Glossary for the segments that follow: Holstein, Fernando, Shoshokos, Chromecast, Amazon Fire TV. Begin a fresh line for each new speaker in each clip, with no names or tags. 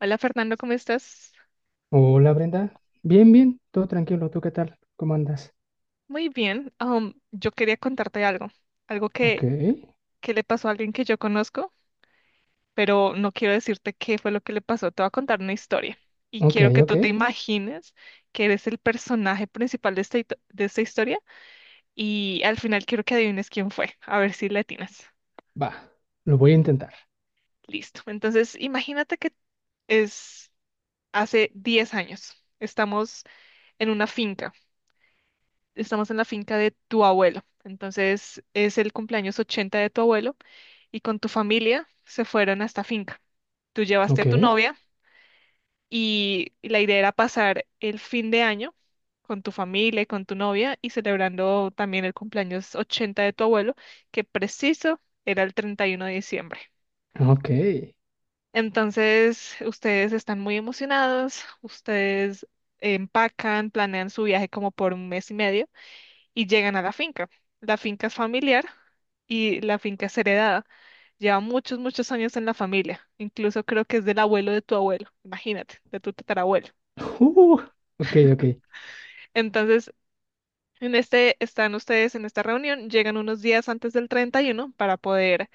Hola Fernando, ¿cómo estás?
Hola Brenda, bien, bien, todo tranquilo, ¿tú qué tal? ¿Cómo andas?
Muy bien. Yo quería contarte algo, algo
Ok,
que, que le pasó a alguien que yo conozco, pero no quiero decirte qué fue lo que le pasó. Te voy a contar una historia y
ok,
quiero que
ok,
tú te imagines que eres el personaje principal de esta, de esta historia y al final quiero que adivines quién fue, a ver si le atinas.
va, lo voy a intentar.
Listo. Entonces, imagínate que es hace 10 años. Estamos en una finca. Estamos en la finca de tu abuelo. Entonces es el cumpleaños 80 de tu abuelo y con tu familia se fueron a esta finca. Tú llevaste a
Ok,
tu novia y la idea era pasar el fin de año con tu familia y con tu novia y celebrando también el cumpleaños 80 de tu abuelo, que preciso era el 31 de diciembre.
ok,
Entonces, ustedes están muy emocionados, ustedes empacan, planean su viaje como por un mes y medio y llegan a la finca. La finca es familiar y la finca es heredada. Lleva muchos, muchos años en la familia. Incluso creo que es del abuelo de tu abuelo. Imagínate, de tu tatarabuelo.
uh, ok, ok,
Entonces, están ustedes en esta reunión, llegan unos días antes del 31 para poder,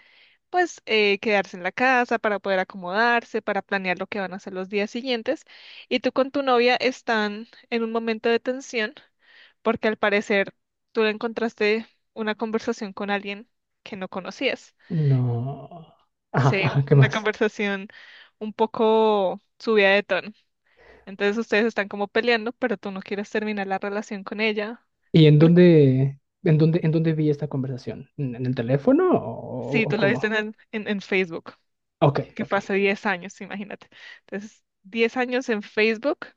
pues, quedarse en la casa, para poder acomodarse, para planear lo que van a hacer los días siguientes. Y tú con tu novia están en un momento de tensión porque al parecer tú le encontraste una conversación con alguien que no conocías.
no, ajá,
Sí,
ajá, ¿qué
una
más?
conversación un poco subida de tono. Entonces ustedes están como peleando, pero tú no quieres terminar la relación con ella.
¿Y en
Porque,
dónde vi esta conversación? ¿En el teléfono o,
sí,
o
tú la viste
cómo?
en Facebook,
Ok,
que
ok.
fue hace 10 años, imagínate. Entonces, 10 años en Facebook,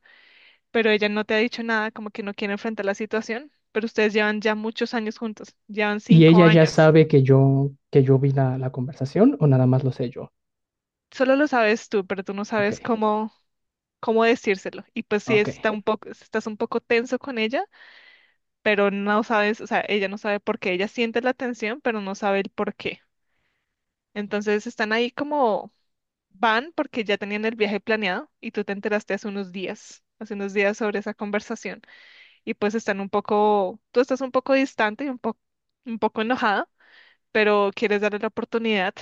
pero ella no te ha dicho nada, como que no quiere enfrentar la situación, pero ustedes llevan ya muchos años juntos, llevan
¿Y
5
ella ya
años.
sabe que yo vi la conversación o nada más lo sé yo?
Solo lo sabes tú, pero tú no
Ok,
sabes cómo decírselo. Y pues
ok,
si estás un poco tenso con ella, pero no sabes, o sea, ella no sabe por qué, ella siente la tensión, pero no sabe el por qué. Entonces están ahí como van porque ya tenían el viaje planeado y tú te enteraste hace unos días sobre esa conversación. Y pues están un poco, tú estás un poco distante y un poco enojada, pero quieres darle la oportunidad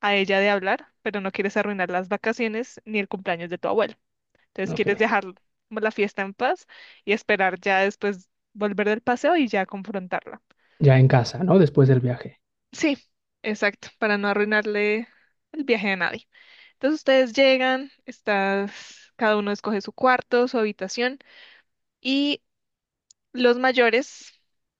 a ella de hablar, pero no quieres arruinar las vacaciones ni el cumpleaños de tu abuela. Entonces
ok,
quieres dejar como la fiesta en paz y esperar ya después volver del paseo y ya confrontarla.
ya en casa, ¿no? Después del viaje.
Sí, exacto, para no arruinarle el viaje a nadie. Entonces ustedes llegan, estás, cada uno escoge su cuarto, su habitación y los mayores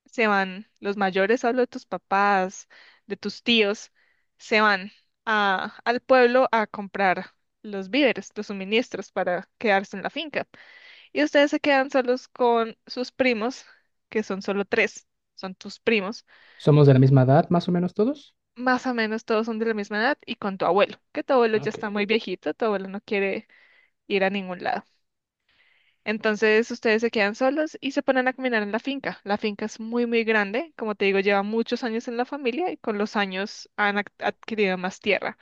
se van, los mayores, hablo de tus papás, de tus tíos, se van a, al pueblo a comprar los víveres, los suministros para quedarse en la finca. Y ustedes se quedan solos con sus primos, que son solo tres, son tus primos.
¿Somos de la misma edad, más o menos todos?
Más o menos todos son de la misma edad y con tu abuelo, que tu abuelo ya
Ok,
está muy viejito, tu abuelo no quiere ir a ningún lado. Entonces ustedes se quedan solos y se ponen a caminar en la finca. La finca es muy, muy grande, como te digo, lleva muchos años en la familia y con los años han adquirido más tierra.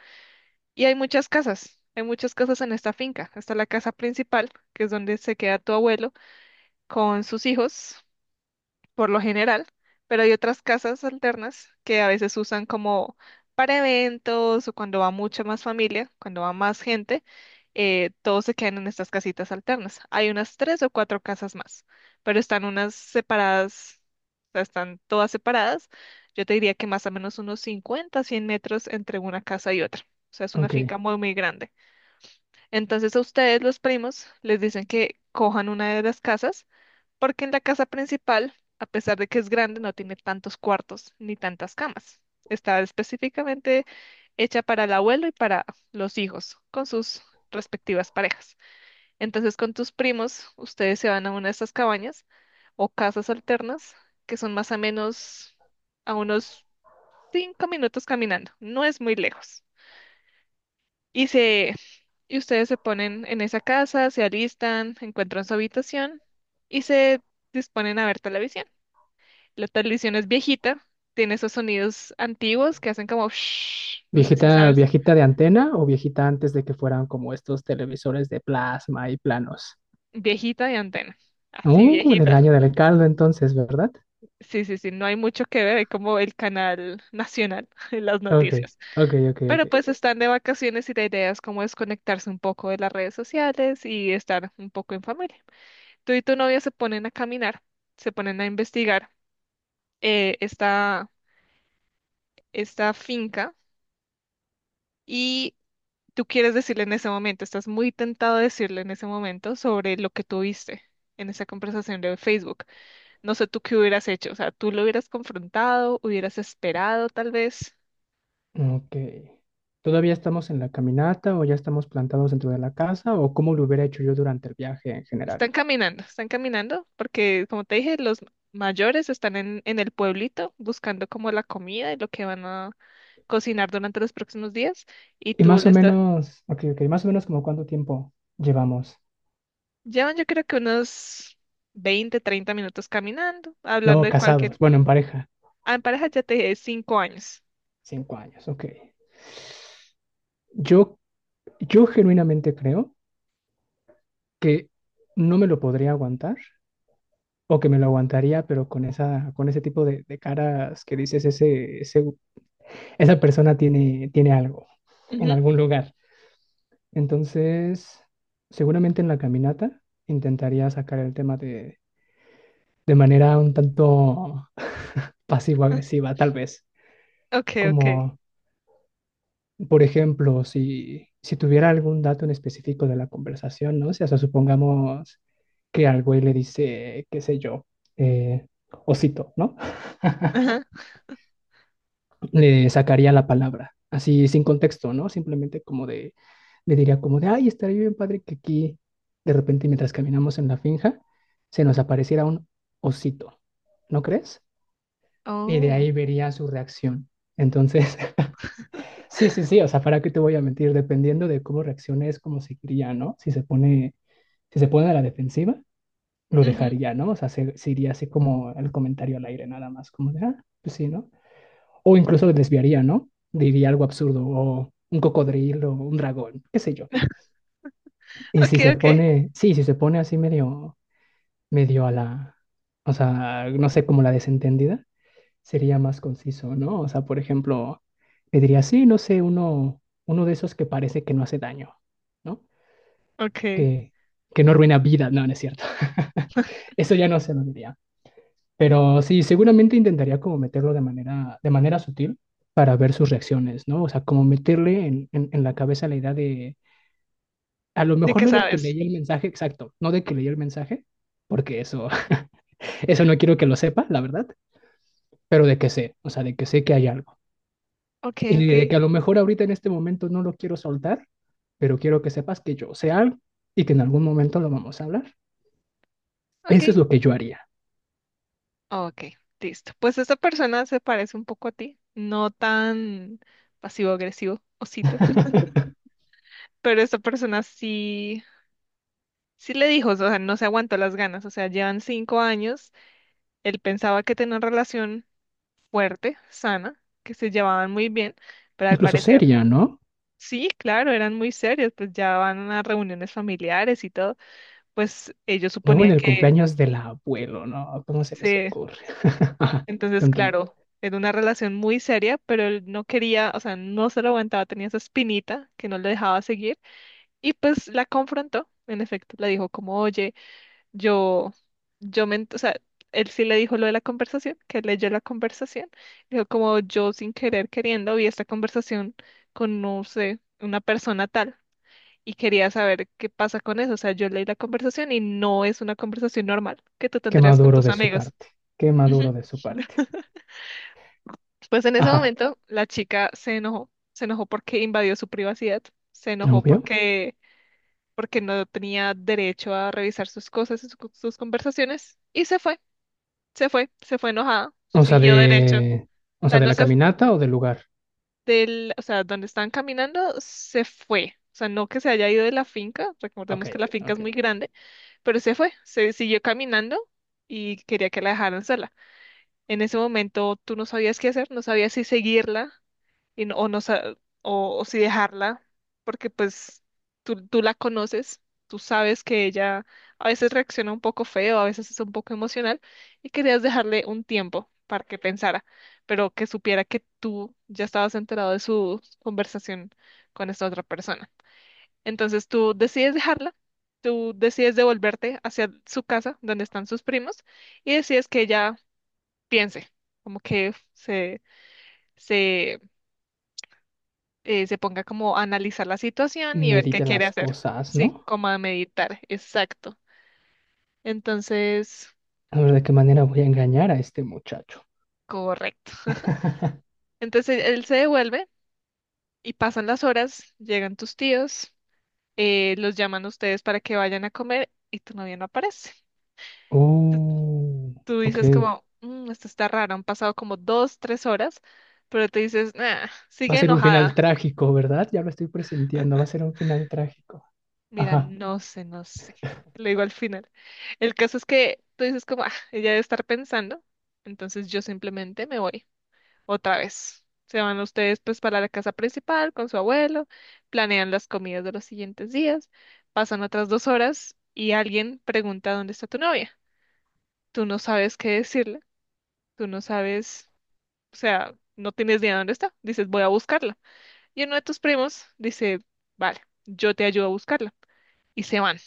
Y hay muchas casas en esta finca. Está la casa principal, que es donde se queda tu abuelo con sus hijos por lo general, pero hay otras casas alternas que a veces usan como para eventos o cuando va mucha más familia, cuando va más gente, todos se quedan en estas casitas alternas. Hay unas tres o cuatro casas más, pero están unas separadas, o sea, están todas separadas. Yo te diría que más o menos unos 50, 100 metros entre una casa y otra. O sea, es una
ok.
finca muy, muy grande. Entonces a ustedes, los primos, les dicen que cojan una de las casas porque en la casa principal, a pesar de que es grande, no tiene tantos cuartos ni tantas camas. Está específicamente hecha para el abuelo y para los hijos, con sus respectivas parejas. Entonces, con tus primos, ustedes se van a una de estas cabañas o casas alternas, que son más o menos a unos 5 minutos caminando. No es muy lejos. Y se, y ustedes se ponen en esa casa, se alistan, encuentran su habitación y se disponen a ver televisión. La televisión es viejita, tiene esos sonidos antiguos que hacen como, shhh, no sé si
¿Viejita,
sabes,
viejita de antena o viejita antes de que fueran como estos televisores de plasma y planos?
viejita y antena, así
Del
viejita.
año del caldo entonces, ¿verdad?
Sí, sí, sí, no hay mucho que ver, es como el canal nacional en las
Ok,
noticias.
ok, ok, ok.
Pero pues están de vacaciones y la idea es como desconectarse un poco de las redes sociales y estar un poco en familia. Tú y tu novia se ponen a caminar, se ponen a investigar eh, esta, esta finca. Y tú quieres decirle en ese momento, estás muy tentado a decirle en ese momento sobre lo que tuviste en esa conversación de Facebook. No sé tú qué hubieras hecho, o sea, tú lo hubieras confrontado, hubieras esperado tal vez.
Ok. ¿Todavía estamos en la caminata o ya estamos plantados dentro de la casa o cómo lo hubiera hecho yo durante el viaje en general?
Están caminando, porque como te dije, los mayores están en el pueblito buscando como la comida y lo que van a cocinar durante los próximos días y
Y
tú
más o
les das,
menos, ok, ok, más o menos como cuánto tiempo llevamos.
llevan yo creo que unos 20, 30 minutos caminando, hablando
No,
de cualquier...
casados, bueno, en pareja.
Ah, en pareja ya te dije, 5 años.
5 años, ok. Yo, yo genuinamente creo que no me lo podría aguantar o que me lo aguantaría, pero con ese tipo de caras que dices, esa persona tiene algo en
Ujú.
algún lugar. Entonces, seguramente en la caminata intentaría sacar el tema de manera un tanto pasivo-agresiva, tal vez,
Okay, okay.
como por ejemplo, si tuviera algún dato en específico de la conversación, ¿no? O sea, o supongamos que al güey le dice, qué sé yo, eh, osito, ¿no?
Ajá.
Le sacaría la palabra, así sin contexto, ¿no? Simplemente como de, le diría como de, ay, estaría bien padre que aquí, de repente, mientras caminamos en la finja, se nos apareciera un osito, ¿no crees? Y de
Oh.
ahí vería su reacción. Entonces, Sí, sí, sí, o sea, ¿para qué te voy a mentir? Dependiendo de cómo reacciones, cómo seguiría, ¿no? Si se pone a la defensiva, lo
Ujú.
dejaría, ¿no? O sea, se iría así como el comentario al aire, nada más, como de, ah, pues sí, ¿no? O incluso lo desviaría, ¿no? Diría algo absurdo, o un cocodrilo, o un dragón, qué sé yo. Y si
Okay,
se
okay.
pone, sí, si se pone así medio, medio a la, o sea, no sé, como la desentendida, sería más conciso, ¿no? O sea, por ejemplo, te diría, sí, no sé, uno de esos que parece que no hace daño, ¿no?
Okay.
Que, que no arruina vida, no, no es cierto. Eso ya no se lo diría. Pero sí, seguramente intentaría como meterlo de manera sutil para ver sus reacciones, ¿no? O sea, como meterle en la cabeza la idea de, a lo
¿De
mejor
qué
no de que
sabes?
leí el mensaje exacto, no de que leí el mensaje, porque eso, eso no quiero que lo sepa, la verdad, pero de que sé, o sea, de que sé que hay algo.
Okay,
Y de
okay.
que a lo mejor ahorita en este momento no lo quiero soltar, pero quiero que sepas que yo sé algo y que en algún momento lo vamos a hablar. Eso
Okay.
es lo que yo haría.
Okay. Listo. Pues esta persona se parece un poco a ti, no tan pasivo-agresivo, osito, pero esta persona sí, sí le dijo, o sea, no se aguantó las ganas, o sea, llevan 5 años, él pensaba que tenían una relación fuerte, sana, que se llevaban muy bien, pero al
Incluso
parecer,
seria, ¿no?
sí, claro, eran muy serios, pues ya van a reuniones familiares y todo, pues ellos
Luego en
suponían
el
que
cumpleaños del abuelo, ¿no? ¿Cómo se les
sí.
ocurre? Ajá,
Entonces,
continúa.
claro, era una relación muy seria, pero él no quería, o sea, no se lo aguantaba, tenía esa espinita que no le dejaba seguir y pues la confrontó. En efecto, le dijo como, oye, yo, yo o sea, él sí le dijo lo de la conversación, que leyó la conversación, dijo como, yo sin querer queriendo vi esta conversación con, no sé, una persona tal. Y quería saber qué pasa con eso. O sea, yo leí la conversación y no es una conversación normal que tú
Qué
tendrías con
maduro
tus
de su
amigos.
parte. Qué
Ujú.
maduro de su parte.
Pues en ese
Ajá,
momento la chica se enojó, porque invadió su privacidad, se enojó
obvio.
porque, porque no tenía derecho a revisar sus cosas y sus conversaciones y se fue enojada,
O sea,
siguió derecho, o
O sea,
sea,
de
no
la
se fu-
caminata o del lugar.
del, o sea, donde estaban caminando, se fue. O sea, no que se haya ido de la finca,
Ok,
recordemos que la finca es
ok.
muy grande, pero se fue, se siguió caminando y quería que la dejaran sola. En ese momento tú no sabías qué hacer, no sabías si seguirla y no, o, no, sa- o si dejarla, porque pues tú la conoces, tú sabes que ella a veces reacciona un poco feo, a veces es un poco emocional y querías dejarle un tiempo para que pensara, pero que supiera que tú ya estabas enterado de su conversación con esta otra persona. Entonces tú decides dejarla. Tú decides devolverte hacia su casa, donde están sus primos, y decides que ella piense, como que se se ponga como a analizar la situación y ver qué
Medita
quiere
las
hacer.
cosas,
Sí,
¿no?
como a meditar, exacto. Entonces,
A ver de qué manera voy a engañar a este muchacho.
correcto. Entonces él se devuelve y pasan las horas, llegan tus tíos, los llaman a ustedes para que vayan a comer y tu novia no aparece. Tú
Oh,
tú dices
ok.
como, "Mm, esto está raro, han pasado como 2, 3 horas", pero te dices, nah,
Va a
sigue
ser un final
enojada.
trágico, ¿verdad? Ya lo estoy presintiendo, va a ser un final trágico.
Mira,
Ajá.
no sé, no sé. Te lo digo al final. El caso es que tú dices como, ah, ella debe estar pensando, entonces yo simplemente me voy otra vez. Se van ustedes pues para la casa principal con su abuelo, planean las comidas de los siguientes días, pasan otras 2 horas y alguien pregunta dónde está tu novia. Tú no sabes qué decirle, tú no sabes, o sea, no tienes ni idea dónde está. Dices, voy a buscarla. Y uno de tus primos dice, vale, yo te ayudo a buscarla. Y se van. O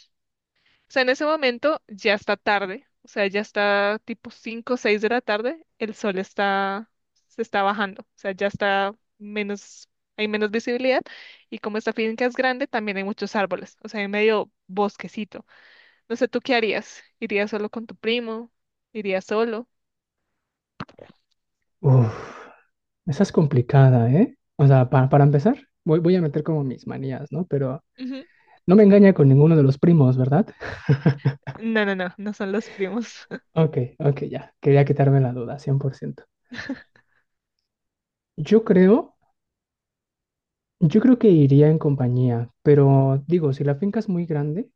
sea, en ese momento ya está tarde, o sea, ya está tipo 5, o 6 de la tarde, el sol está, se está bajando, o sea, ya está menos, hay menos visibilidad y como esta finca es grande, también hay muchos árboles, o sea, hay medio bosquecito. No sé, ¿tú qué harías? ¿Irías solo con tu primo? ¿Irías solo?
Uf, esa es complicada, ¿eh? O sea, para empezar, voy a meter como mis manías, ¿no? Pero
Ujú.
no me engaña con ninguno de los primos, ¿verdad?
No, no, no, no son los primos.
Ok, ok, ya. Quería quitarme la duda, 100%. Yo creo, yo creo que iría en compañía, pero digo, si la finca es muy grande,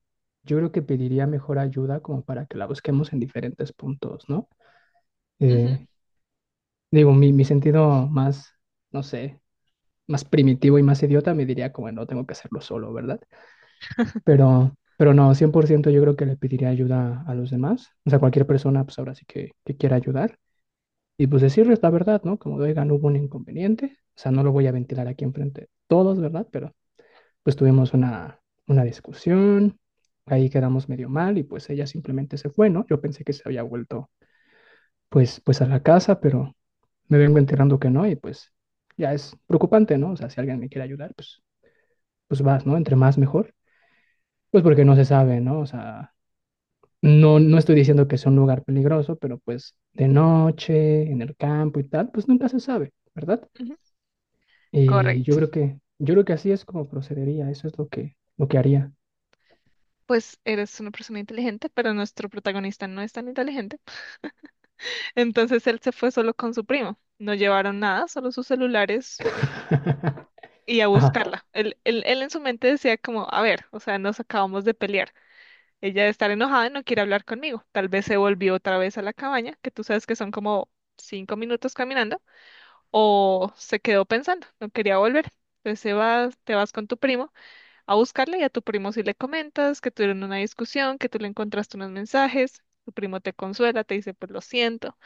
yo creo que pediría mejor ayuda como para que la busquemos en diferentes puntos, ¿no?
Ujú,
Eh, Digo, mi sentido más, no sé, más primitivo y más idiota me diría como no tengo que hacerlo solo, ¿verdad? Pero no, 100% yo creo que le pediría ayuda a los demás. O sea, cualquier persona, pues ahora sí que quiera ayudar. Y pues decirles la verdad, ¿no? Como, oigan, hubo un inconveniente. O sea, no lo voy a ventilar aquí enfrente de todos, ¿verdad? Pero pues tuvimos una discusión, ahí quedamos medio mal y pues ella simplemente se fue, ¿no? Yo pensé que se había vuelto pues a la casa, pero me vengo enterando que no y pues ya es preocupante, ¿no? O sea, si alguien me quiere ayudar, pues vas, ¿no? Entre más mejor, pues porque no se sabe, ¿no? O sea, no, no estoy diciendo que sea un lugar peligroso, pero pues de noche, en el campo y tal, pues nunca se sabe, ¿verdad?
ujú.
Y yo
Correcto.
creo que, yo creo que así es como procedería, eso es lo que haría.
Pues eres una persona inteligente, pero nuestro protagonista no es tan inteligente. Entonces él se fue solo con su primo. No llevaron nada, solo sus celulares y a
Ajá,
buscarla. Él en su mente decía como, a ver, o sea, nos acabamos de pelear. Ella está enojada y no quiere hablar conmigo. Tal vez se volvió otra vez a la cabaña, que tú sabes que son como 5 minutos caminando, o se quedó pensando, no quería volver. Entonces se va, te vas con tu primo a buscarla, y a tu primo si le comentas que tuvieron una discusión, que tú le encontraste unos mensajes. Tu primo te consuela, te dice, pues lo siento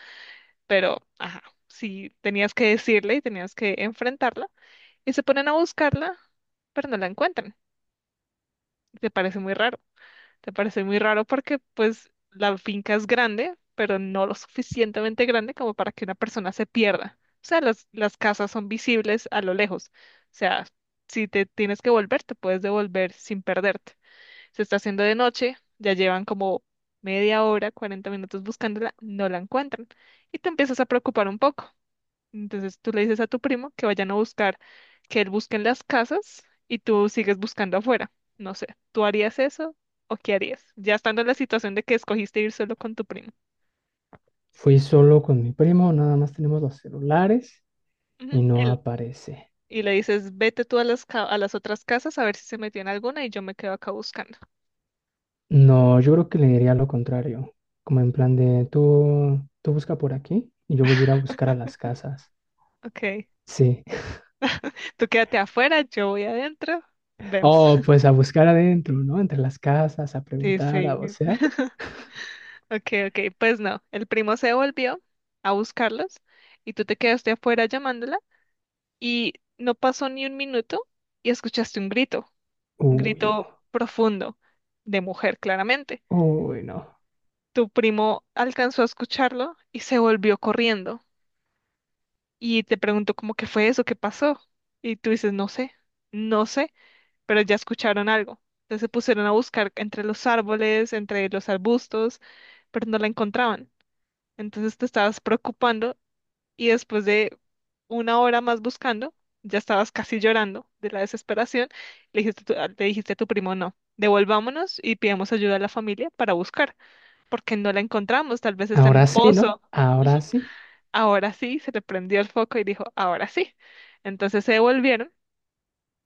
pero, ajá, sí, tenías que decirle y tenías que enfrentarla. Y se ponen a buscarla, pero no la encuentran. Y te parece muy raro. Te parece muy raro porque, pues, la finca es grande, pero no lo suficientemente grande como para que una persona se pierda. O sea, las casas son visibles a lo lejos. O sea, si te tienes que volver, te puedes devolver sin perderte. Se está haciendo de noche, ya llevan como media hora, 40 minutos buscándola, no la encuentran. Y te empiezas a preocupar un poco. Entonces tú le dices a tu primo que vayan a buscar, que él busque en las casas y tú sigues buscando afuera. No sé, ¿tú harías eso o qué harías? Ya estando en la situación de que escogiste ir solo con tu primo.
fui solo con mi primo, nada más tenemos los celulares
Ujú,
y no aparece.
y le dices, vete tú a las, a las otras casas a ver si se metió en alguna y yo me quedo acá buscando.
No, yo creo que le diría lo contrario, como en plan de tú busca por aquí y yo voy a ir a buscar a las casas.
Ok,
Sí.
tú quédate afuera, yo voy adentro, vemos.
Oh, pues a buscar adentro, ¿no? Entre las casas, a
Sí,
preguntar, a
sí.
vocear.
Ok, ok, pues no, el primo se volvió a buscarlos y tú te quedaste afuera llamándola, y no pasó ni un minuto y escuchaste un
Uy, no.
grito profundo de mujer, claramente.
Uy, no.
Tu primo alcanzó a escucharlo y se volvió corriendo y te preguntó cómo que fue eso, qué pasó. Y tú dices, no sé, no sé, pero ya escucharon algo. Entonces se pusieron a buscar entre los árboles, entre los arbustos, pero no la encontraban. Entonces te estabas preocupando y después de una hora más buscando, ya estabas casi llorando de la desesperación. Le dijiste a tu primo, no, devolvámonos y pidamos ayuda a la familia para buscar, porque no la encontramos, tal vez está en
Ahora
un
sí, ¿no?
pozo. Ujú.
Ahora sí.
Ahora sí, se le prendió el foco y dijo, ahora sí. Entonces se devolvieron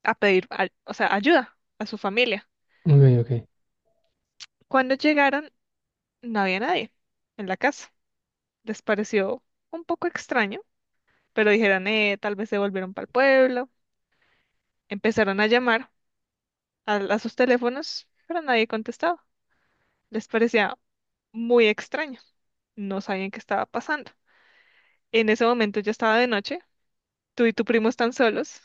a pedir, ayuda a su familia.
Ok, ok.
Cuando llegaron, no había nadie en la casa. Les pareció un poco extraño, pero dijeron, tal vez se volvieron para el pueblo. Empezaron a llamar a sus teléfonos, pero nadie contestaba. Les parecía muy extraño. No sabían qué estaba pasando. En ese momento ya estaba de noche. Tú y tu primo están solos.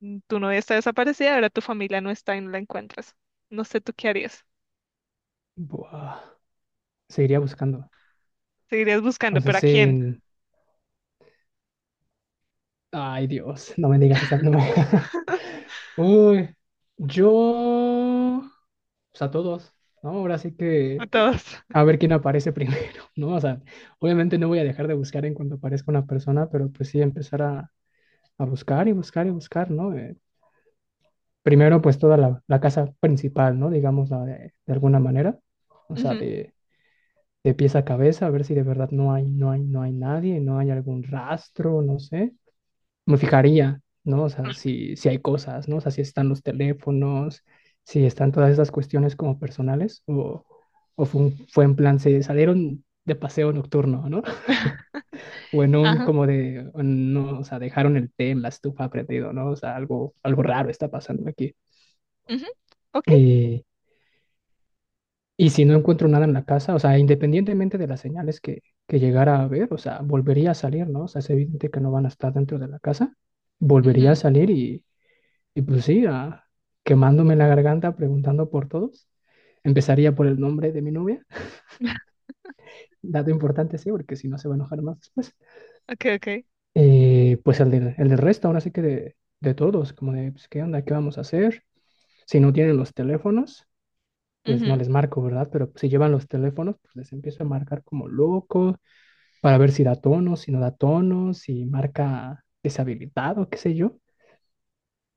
Tu novia está desaparecida, ahora tu familia no está y no la encuentras. No sé tú qué harías.
Buah. Seguiría buscando.
Seguirías buscando,
O sea,
¿pero a quién?
sí. Ay, Dios, no me digas esa. No me- Uy, yo. Pues a todos, ¿no? Ahora sí
A
que.
todos.
A ver quién aparece primero, ¿no? O sea, obviamente no voy a dejar de buscar en cuanto aparezca una persona, pero pues sí empezar a buscar y buscar y buscar, ¿no? Primero, pues toda la casa principal, ¿no? Digamos, la de alguna manera, o sea,
Ujú,
de pies a cabeza, a ver si de verdad no hay, no hay, no hay nadie, no hay algún rastro, no sé me fijaría, ¿no? O sea, si hay cosas, ¿no? O sea, si están los teléfonos, si están todas esas cuestiones como personales, o fue en plan, se salieron de paseo nocturno, ¿no? O en un
ajá,
como de, no, o sea, dejaron el té en la estufa prendido, ¿no? O sea, algo raro está pasando aquí.
ujú, ok,
Eh, y si no encuentro nada en la casa, o sea, independientemente de las señales que llegara a ver, o sea, volvería a salir, ¿no? O sea, es evidente que no van a estar dentro de la casa volvería a
ujú.
salir y, Y pues sí, quemándome la garganta preguntando por todos. Empezaría por el nombre de mi novia, dato importante, sí, porque si no se va a enojar más después.
Okay, okay.
Pues el del resto, ahora sí que de todos, como de, pues, ¿qué onda? ¿Qué vamos a hacer? Si no tienen los teléfonos, pues no
Ujú,
les marco, ¿verdad? Pero si llevan los teléfonos, pues les empiezo a marcar como loco, para ver si da tono, si no da tono, si marca deshabilitado, qué sé yo.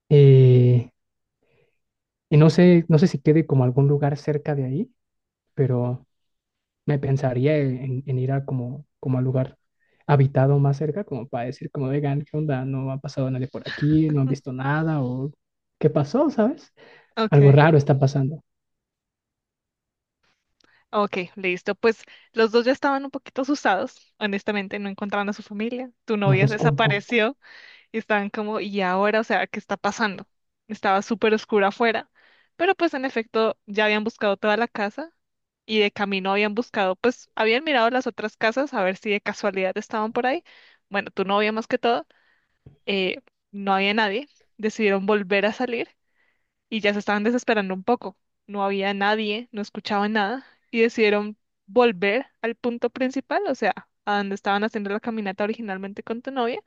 Eh, y no sé si quede como algún lugar cerca de ahí, pero... me pensaría en ir a como al lugar habitado más cerca, como para decir, como, vegan, ¿qué onda? No ha pasado nadie por aquí, no han visto nada, o ¿qué pasó, sabes? Algo
okay.
raro está pasando.
Okay, listo. Pues los dos ya estaban un poquito asustados, honestamente, no encontraban a su familia, tu
No
novia
los culpo.
desapareció, y estaban como, ¿y ahora? O sea, ¿qué está pasando? Estaba súper oscura afuera. Pero pues en efecto ya habían buscado toda la casa y de camino habían buscado, pues habían mirado las otras casas a ver si de casualidad estaban por ahí. Bueno, tu novia más que todo, eh, no había nadie. Decidieron volver a salir y ya se estaban desesperando un poco. No había nadie, no escuchaban nada y decidieron volver al punto principal, o sea, a donde estaban haciendo la caminata originalmente con tu novia,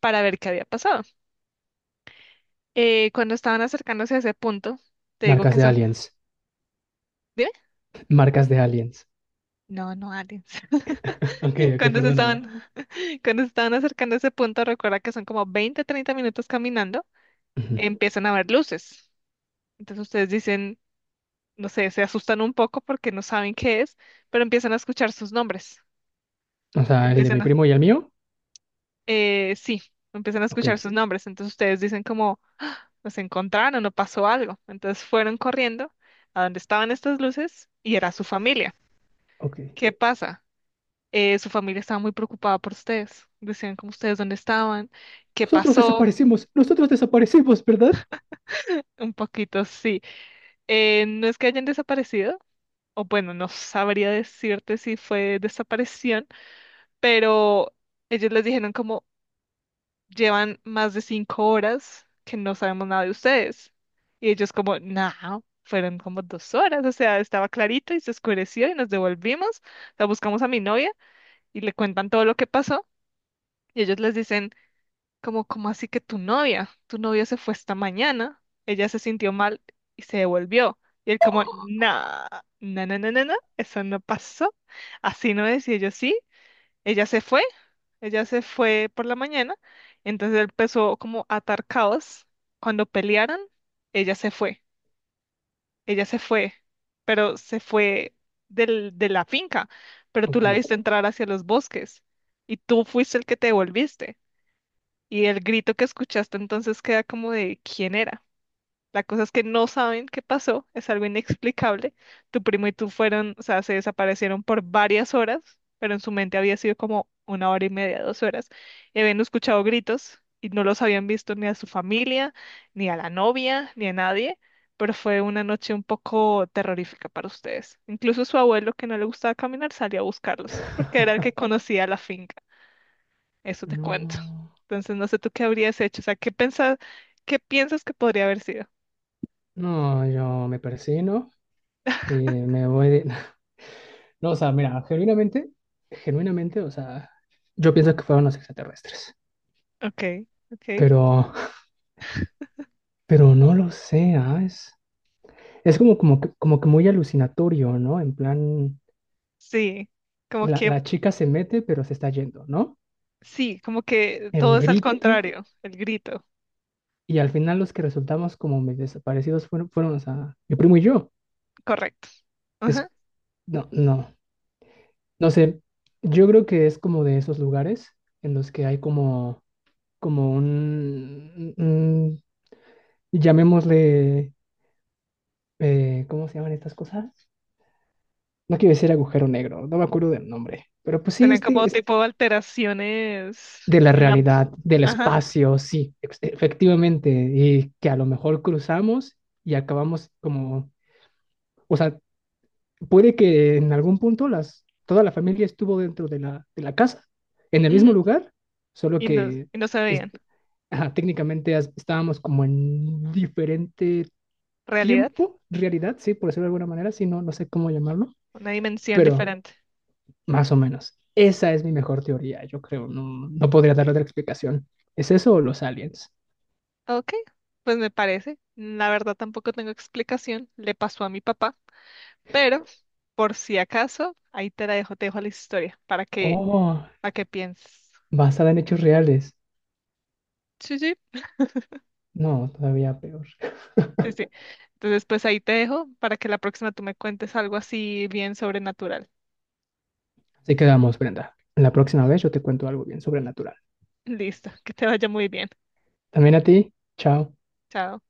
para ver qué había pasado. Cuando estaban acercándose a ese punto, te digo
Marcas
que
de
son,
aliens.
¿dime?
Marcas de aliens.
No, no aliens.
Ok, ok,
Cuando se
perdóname.
estaban, Cuando se estaban acercando a ese punto, recuerda que son como 20, 30 minutos caminando,
Ujú.
empiezan a ver luces. Entonces ustedes dicen, no sé, se asustan un poco porque no saben qué es, pero empiezan a escuchar sus nombres.
O sea, el de mi
Empiezan a,
primo y el mío.
eh, sí, Empiezan a
Ok,
escuchar sus nombres. Entonces ustedes dicen como, nos encontraron o pasó algo. Entonces fueron corriendo a donde estaban estas luces y era su familia.
ok.
¿Qué pasa? Su familia estaba muy preocupada por ustedes. Decían como ustedes dónde estaban, qué pasó,
Nosotros desaparecimos, ¿verdad?
un poquito, sí. No es que hayan desaparecido, o bueno, no sabría decirte si fue desaparición, pero ellos les dijeron como llevan más de 5 horas que no sabemos nada de ustedes. Y ellos como, no, fueron como 2 horas, o sea, estaba clarito y se oscureció y nos devolvimos, la buscamos a mi novia y le cuentan todo lo que pasó. Y ellos les dicen, como, como así que tu novia? Tu novia se fue esta mañana, ella se sintió mal y se devolvió. Y él como, no, no, no, no, no, no, eso no pasó. Así no es. Y ellos sí, ella se fue, ella se fue por la mañana. Entonces él empezó como a atar caos. Cuando pelearon, ella se fue, ella se fue, pero se fue de la finca, pero tú
Ok.
la viste entrar hacia los bosques y tú fuiste el que te devolviste. Y el grito que escuchaste entonces queda como de quién era. La cosa es que no saben qué pasó, es algo inexplicable. Tu primo y tú fueron, o sea, se desaparecieron por varias horas, pero en su mente había sido como una hora y media, 2 horas, y habían escuchado gritos y no los habían visto ni a su familia, ni a la novia, ni a nadie, pero fue una noche un poco terrorífica para ustedes. Incluso su abuelo, que no le gustaba caminar, salió a buscarlos, porque era el que conocía la finca. Eso te cuento.
No,
Entonces, no sé tú qué habrías hecho. O sea, ¿qué pensas, qué piensas que podría haber sido?
no, yo me persino. eh, me voy de- No, o sea, mira, genuinamente, genuinamente, o sea, yo pienso que fueron los extraterrestres,
Ok, ok.
pero, pero no lo sé, Es como, como que muy alucinatorio, ¿no? En plan,
Sí, como
la,
que,
la chica se mete, pero se está yendo, ¿no?
sí, como que
El
todo es al
grito,
contrario, el grito,
y al final los que resultamos como medio desaparecidos fueron, o sea, mi primo y yo.
correcto.
Es,
Ajá.
no, no, no sé, yo creo que es como de esos lugares en los que hay como llamémosle ¿cómo se llaman estas cosas? No quiero decir agujero negro, no me acuerdo del nombre, pero pues sí,
Tener como tipo alteraciones
de la
en la...
realidad, del
Ajá.
espacio, sí, efectivamente, y que a lo mejor cruzamos y acabamos como, o sea, puede que en algún punto toda la familia estuvo dentro de la casa, en el mismo
Ujú,
lugar, solo
y no,
que
y no se
es-
veían.
ajá, técnicamente estábamos como en diferente
Realidad,
tiempo, realidad, sí, por decirlo de alguna manera, sí, no, no sé cómo llamarlo,
una dimensión
pero...
diferente.
Más o menos. Esa es mi mejor teoría, yo creo. No, no podría dar otra explicación. ¿Es eso o los aliens?
Ok, pues me parece. La verdad tampoco tengo explicación. Le pasó a mi papá, pero... Por si acaso, ahí te la dejo, te dejo la historia
Oh,
para que pienses.
basada en hechos reales.
Sí, sí,
No, todavía peor.
sí, sí. Entonces, pues ahí te dejo para que la próxima tú me cuentes algo así bien sobrenatural.
Así que vamos, Brenda. La próxima vez yo te cuento algo bien sobrenatural.
Listo, que te vaya muy bien.
También a ti. Chao.
Chao.